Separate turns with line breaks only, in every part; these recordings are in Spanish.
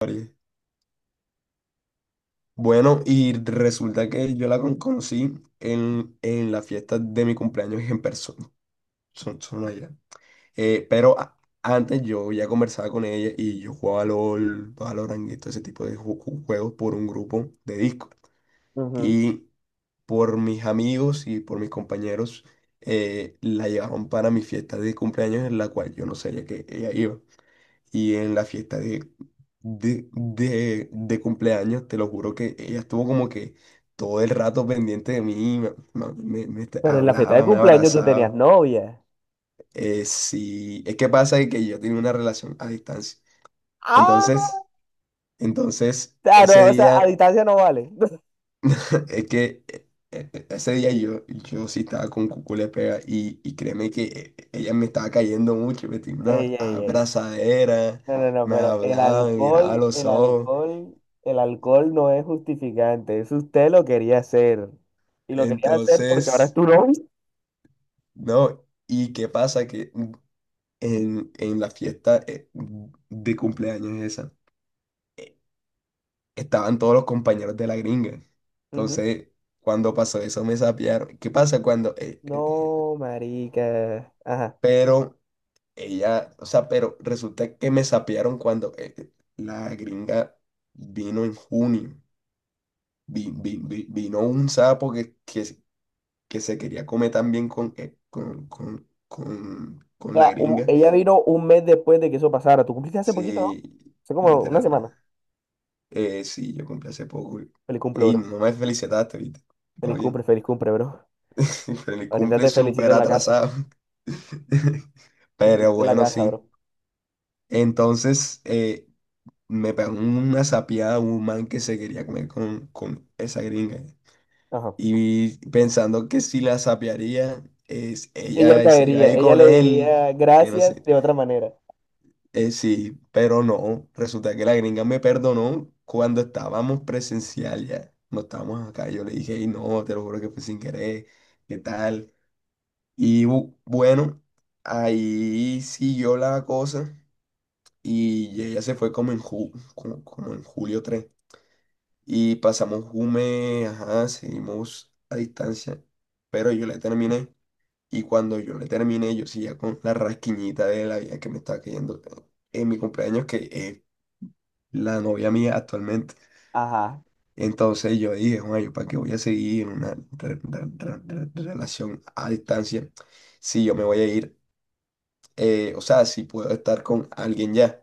Ari. Bueno, y resulta que yo la conocí en la fiesta de mi cumpleaños en persona, son allá. Pero antes yo ya conversaba con ella y yo jugaba LOL, Valorant y todo ese tipo de juegos por un grupo de disco.
Ujú.
Y por mis amigos y por mis compañeros la llevaron para mi fiesta de cumpleaños en la cual yo no sabía que ella iba. Y en la fiesta de cumpleaños, te lo juro que ella estuvo como que todo el rato pendiente de mí, me
Pero en la fiesta de
hablaba, me
cumpleaños tú tenías
abrazaba.
novia.
Sí, es que pasa que yo tenía una relación a distancia.
Ah,
Entonces, entonces
Ah,
ese
no, o sea,
día,
a distancia no vale.
es que ese día yo sí estaba con cucú pega y créeme que ella me estaba cayendo mucho, me tenía una
Ey, ey, ey.
abrazadera,
No, no, no,
me
pero el
hablaba, me miraba a
alcohol,
los
el
ojos.
alcohol, el alcohol no es justificante. Eso usted lo quería hacer. Y lo quería hacer porque ahora es
Entonces,
tu novia.
no, ¿y qué pasa? Que en la fiesta de cumpleaños esa, estaban todos los compañeros de la gringa.
Ujú.
Entonces, cuando pasó eso, me sapearon. ¿Qué pasa cuando…
No, marica. Ajá.
pero ella, o sea, pero resulta que me sapearon cuando la gringa vino en junio. Vino un sapo que se quería comer también con,
O
con la
sea,
gringa.
ella vino un mes después de que eso pasara. Tú cumpliste hace poquito, ¿no?
Sí,
Hace como una
literalmente.
semana.
Sí, yo cumplí hace poco. Y…
Feliz cumple,
Ey,
bro.
no me felicitaste, ¿viste? Todo bien.
Feliz cumple, bro.
Pero el
Ahorita
cumple
te felicito
súper
en la casa.
atrasado.
Te
Pero
felicito en la
bueno,
casa,
sí.
bro.
Entonces, me pegó una sapiada un man que se quería comer con esa gringa.
Ajá.
Y pensando que si la sapearía, es,
Ella
ella se iba a
caería,
ir
ella
con
le
él,
diría
que no
gracias
sé.
de otra manera.
Sí, pero no, resulta que la gringa me perdonó cuando estábamos presencial ya, no estábamos acá, yo le dije, y no, te lo juro que fue sin querer, ¿qué tal? Y bueno, ahí siguió la cosa y ella se fue como en, ju- como, como en 3 de julio y pasamos Jume, ajá, seguimos a distancia, pero yo le terminé. Y cuando yo le terminé yo seguía con la rasquiñita de la vida que me estaba cayendo en mi cumpleaños que… es la novia mía actualmente.
Ajá,
Entonces yo dije, bueno, ¿yo para qué voy a seguir en una relación a distancia si yo me voy a ir? Eh, o sea, si puedo estar con alguien ya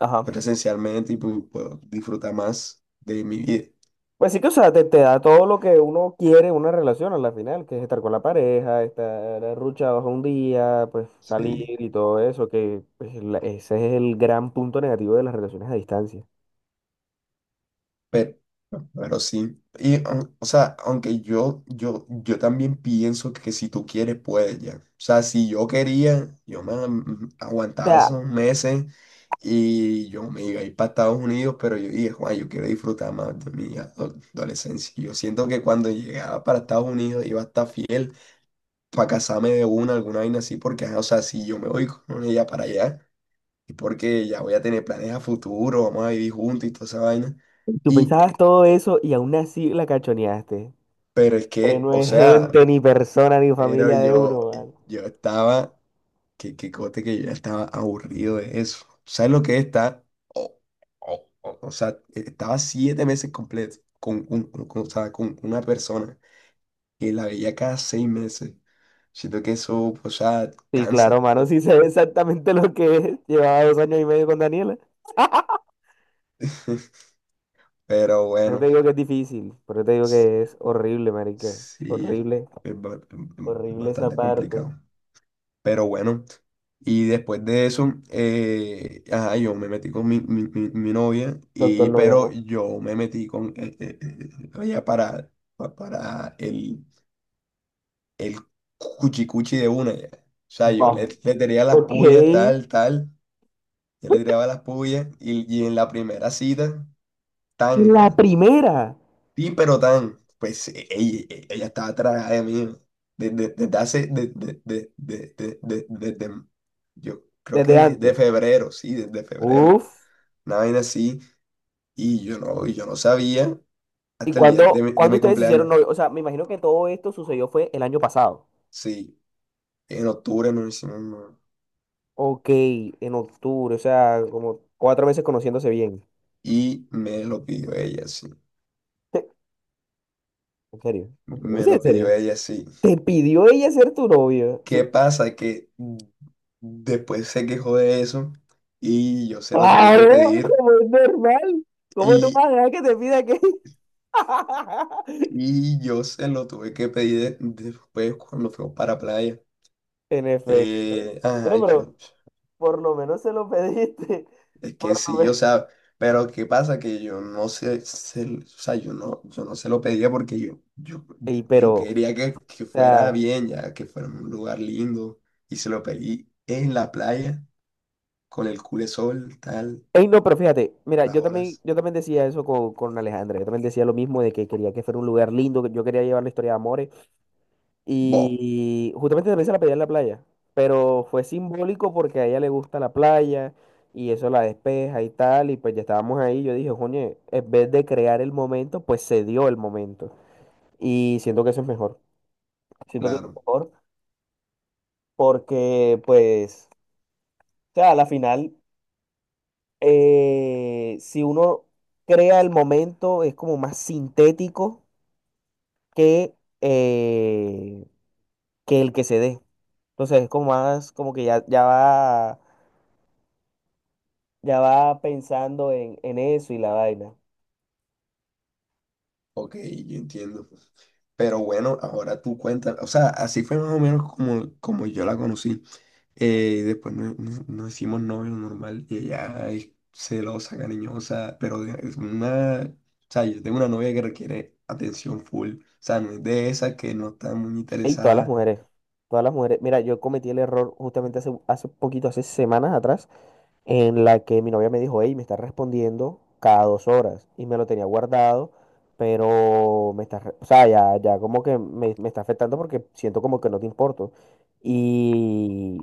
ajá.
presencialmente y puedo disfrutar más de mi vida.
Pues sí que, o sea, te da todo lo que uno quiere en una relación a la final, que es estar con la pareja, estar arruchados un día, pues
Sí.
salir y todo eso, que pues, ese es el gran punto negativo de las relaciones a distancia.
Pero, pero sí. Y, o sea, aunque yo también pienso que si tú quieres, puedes ya. O sea, si yo quería, yo me
O
aguantaba
sea,
esos meses y yo me iba a ir para Estados Unidos, pero yo dije, Juan, yo quiero disfrutar más de mi adolescencia. Y yo siento que cuando llegaba para Estados Unidos iba a estar fiel para casarme de una, alguna vaina así, porque, ajá, o sea, si yo me voy con ella para allá, es porque ya voy a tener planes a futuro, vamos a vivir juntos y toda esa vaina.
tú
Y
pensabas todo eso y aún así la cachoneaste.
pero es
Pero
que,
no
o
es
sea,
gente, ni persona, ni
pero
familia de uno, mano.
yo estaba, que cote que yo ya estaba aburrido de eso. ¿Sabes lo que es estar? O, o sea, estaba 7 meses completos o sea, con una persona que la veía cada 6 meses. Siento que eso, o sea,
Sí, claro,
cansa.
mano, sí sé exactamente lo que es. Llevaba 2 años y medio con Daniela.
Pero
No
bueno,
te digo que es difícil, pero te digo
sí,
que es horrible, marica.
sí,
Horrible,
es ba- es
horrible esa
bastante
parte.
complicado. Pero bueno, y después de eso, ajá, yo me metí con mi novia,
Doctor
y,
Noya,
pero
ajá.
yo me metí con ella para, para el cuchicuchi de una. Ya. O sea, yo
Va.
le tiraba las puyas,
Ok.
tal, tal, yo le tiraba las puyas, y en la primera cita, tan
En la
ya.
primera,
Sí, pero tan, pues ella, ella estaba atrás de mí desde, desde hace, desde, yo creo que
desde
desde
antes.
febrero, sí, desde febrero,
Uf.
una vaina así, y yo no sabía
¿Y
hasta el día
cuándo,
de
cuándo
mi
ustedes se hicieron
cumpleaños,
novio? O sea, me imagino que todo esto sucedió fue el año pasado.
sí, en octubre no hicimos nada,
Ok, en octubre, o sea, como 4 meses conociéndose bien.
y me lo pidió ella, sí,
¿En serio? ¿En
me
serio? ¿En
lo pidió
serio?
ella, sí.
¿Te pidió ella ser tu novia?
¿Qué pasa? Que después se quejó de eso, y yo se lo tuve que
Claro,
pedir.
como es normal. ¿Cómo tú vas a dejar que te pida que...
Y yo se lo tuve que pedir después cuando fuimos para playa.
En efecto.
Ajá,
Bueno,
yo,
pero por lo menos se lo pediste.
es que
Por lo
sí, o
menos.
sea, pero ¿qué pasa? Que yo no sé, se, o sea, yo no, yo no se lo pedía porque
Ey, pero,
yo
o
quería que fuera
sea.
bien, ya que fuera un lugar lindo. Y se lo pedí en la playa, con el cule sol tal,
Ey, no, pero fíjate, mira,
las
yo también,
olas.
yo también decía eso con Alejandra. Yo también decía lo mismo de que quería que fuera un lugar lindo, que yo quería llevar la historia de amores.
Bo,
Y justamente también se la pedí en la playa. Pero fue simbólico porque a ella le gusta la playa y eso la despeja y tal. Y pues ya estábamos ahí. Yo dije, coño, en vez de crear el momento, pues se dio el momento. Y siento que eso es mejor. Siento que es
claro,
mejor porque, pues, o sea, a la final, si uno crea el momento, es como más sintético que, eh, que el que se dé. Entonces es como más, como que ya va pensando en eso y la vaina.
ok, yo entiendo. Pero bueno, ahora tú cuentas, o sea, así fue más o menos como, como yo la conocí. Y después nos hicimos novios normal y ella es celosa, cariñosa, pero es una… O sea, yo tengo una novia que requiere atención full. O sea, no es de esa que no está muy
Y todas las
interesada.
mujeres, todas las mujeres. Mira, yo cometí el error justamente hace poquito, hace semanas atrás. En la que mi novia me dijo, hey, me estás respondiendo cada 2 horas y me lo tenía guardado, pero me está, o sea, ya como que me está afectando porque siento como que no te importo. Y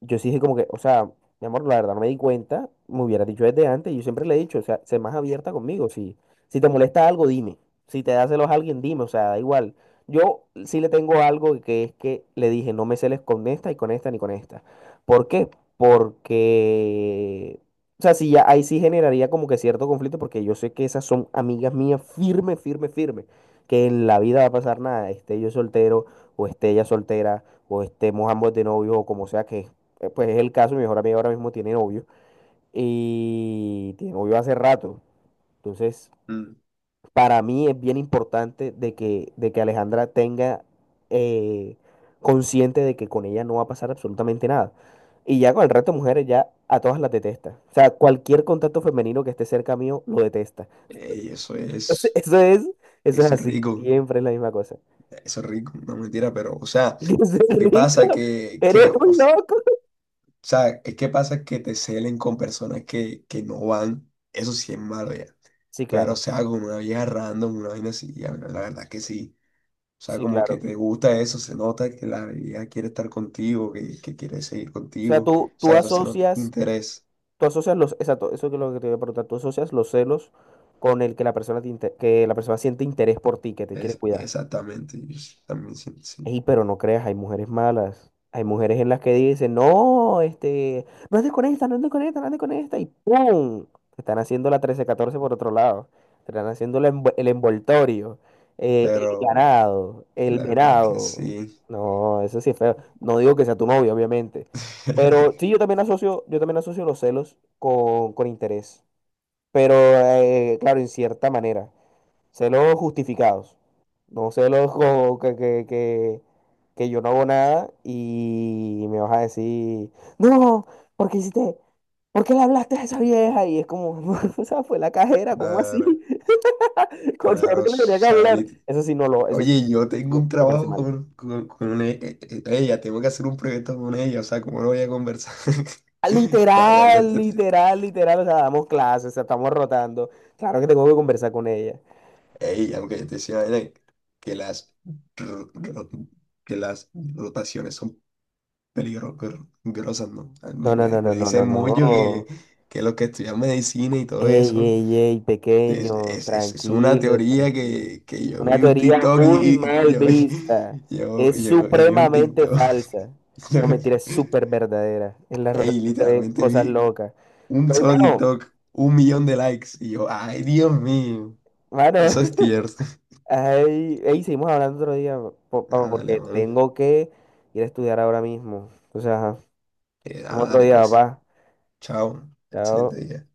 yo sí dije como que, o sea, mi amor, la verdad no me di cuenta, me hubiera dicho desde antes, yo siempre le he dicho, o sea, sé más abierta conmigo, si te molesta algo, dime, si te das celos a alguien, dime, o sea, da igual. Yo sí le tengo algo que es que le dije, no me celes con esta y con esta ni con esta. ¿Por qué? Porque, o sea, sí, ya ahí sí generaría como que cierto conflicto, porque yo sé que esas son amigas mías firme, firme, firme, que en la vida va a pasar nada, esté yo soltero o esté ella soltera o estemos ambos de novio o como sea que pues es el caso, mi mejor amiga ahora mismo tiene novio y tiene novio hace rato. Entonces,
Mm,
para mí es bien importante de que, Alejandra tenga eh, consciente de que con ella no va a pasar absolutamente nada. Y ya con el resto de mujeres ya a todas las detesta. O sea, cualquier contacto femenino que esté cerca mío lo detesta.
y
Entonces, eso es
eso es
así,
rico,
siempre es la misma cosa.
eso es rico, no mentira, pero, o sea,
Entonces,
¿qué
rico,
pasa?
eres
Que,
un loco.
o sea, es que pasa que te celen con personas que no van, eso sí es malo ya.
Sí,
Pero, o
claro,
sea, con una vieja random, una vaina así, ya, la verdad que sí. O sea,
sí,
como que
claro.
te gusta eso, se nota que la ella quiere estar contigo, que quiere seguir
O sea,
contigo. O sea, eso se nota interés.
Exacto, eso es lo que te voy a preguntar, tú asocias los celos con el que la persona que la persona siente interés por ti, que te quiere
Es
cuidar.
exactamente, yo sí también siento sí.
Ey, pero no creas, hay mujeres malas. Hay mujeres en las que dicen, no, este, no andes con esta, no andes con esta, no andes con esta, y ¡pum! Te están haciendo la trece catorce por otro lado. Te están haciendo el envoltorio, el
Pero
ganado, el
la verdad que
venado.
sí.
No, eso sí es feo. No digo que sea tu novio, obviamente. Pero sí, yo también asocio los celos con interés pero claro, en cierta manera. Celos justificados. No celos como que yo no hago nada y me vas a decir, no, ¿por qué hiciste? ¿Por qué le hablaste a esa vieja? Y es como, "No, o sea, fue la cajera, ¿cómo así?
Claro,
Con suerte
claro,
que le tenía que hablar.
Sally.
Eso sí, no lo, eso sí,
Oye, yo tengo un
no, me parece
trabajo
mal.
con ella, tengo que hacer un proyecto con ella, o sea, ¿cómo no voy a conversar?
Ah,
Ya, ya,
literal,
te…
literal, literal, o sea, damos clases, o sea, estamos rotando. Claro que tengo que conversar con ella.
Ey, aunque yo te decía vaina, que las, ro- ro- que las rotaciones son peligrosas, ¿no? Ah,
No, no, no, no,
me
no,
dicen
no,
mucho
no.
que los que estudian medicina y todo
Ey,
eso,
ey, ey, pequeño,
es una
tranquilo,
teoría
tranquilo.
que yo
Una
vi un
teoría
TikTok
muy
y
mal vista. Es
yo vi un
supremamente
TikTok.
falsa.
yo
No,
vi-
mentira, es súper verdadera. En la
Ey,
rotación se ven
literalmente
cosas
vi
locas.
un
Pero,
solo
mano,
TikTok, 1.000.000 de likes. Y yo, ay, Dios mío,
mano,
eso es tierno.
ay, ey, seguimos hablando otro día, papá,
Ah, dale,
porque
mami.
tengo que ir a estudiar ahora mismo. Entonces, ajá, vemos
Ah,
otro
dale,
día,
pues.
papá.
Chao. Excelente
Chao.
día.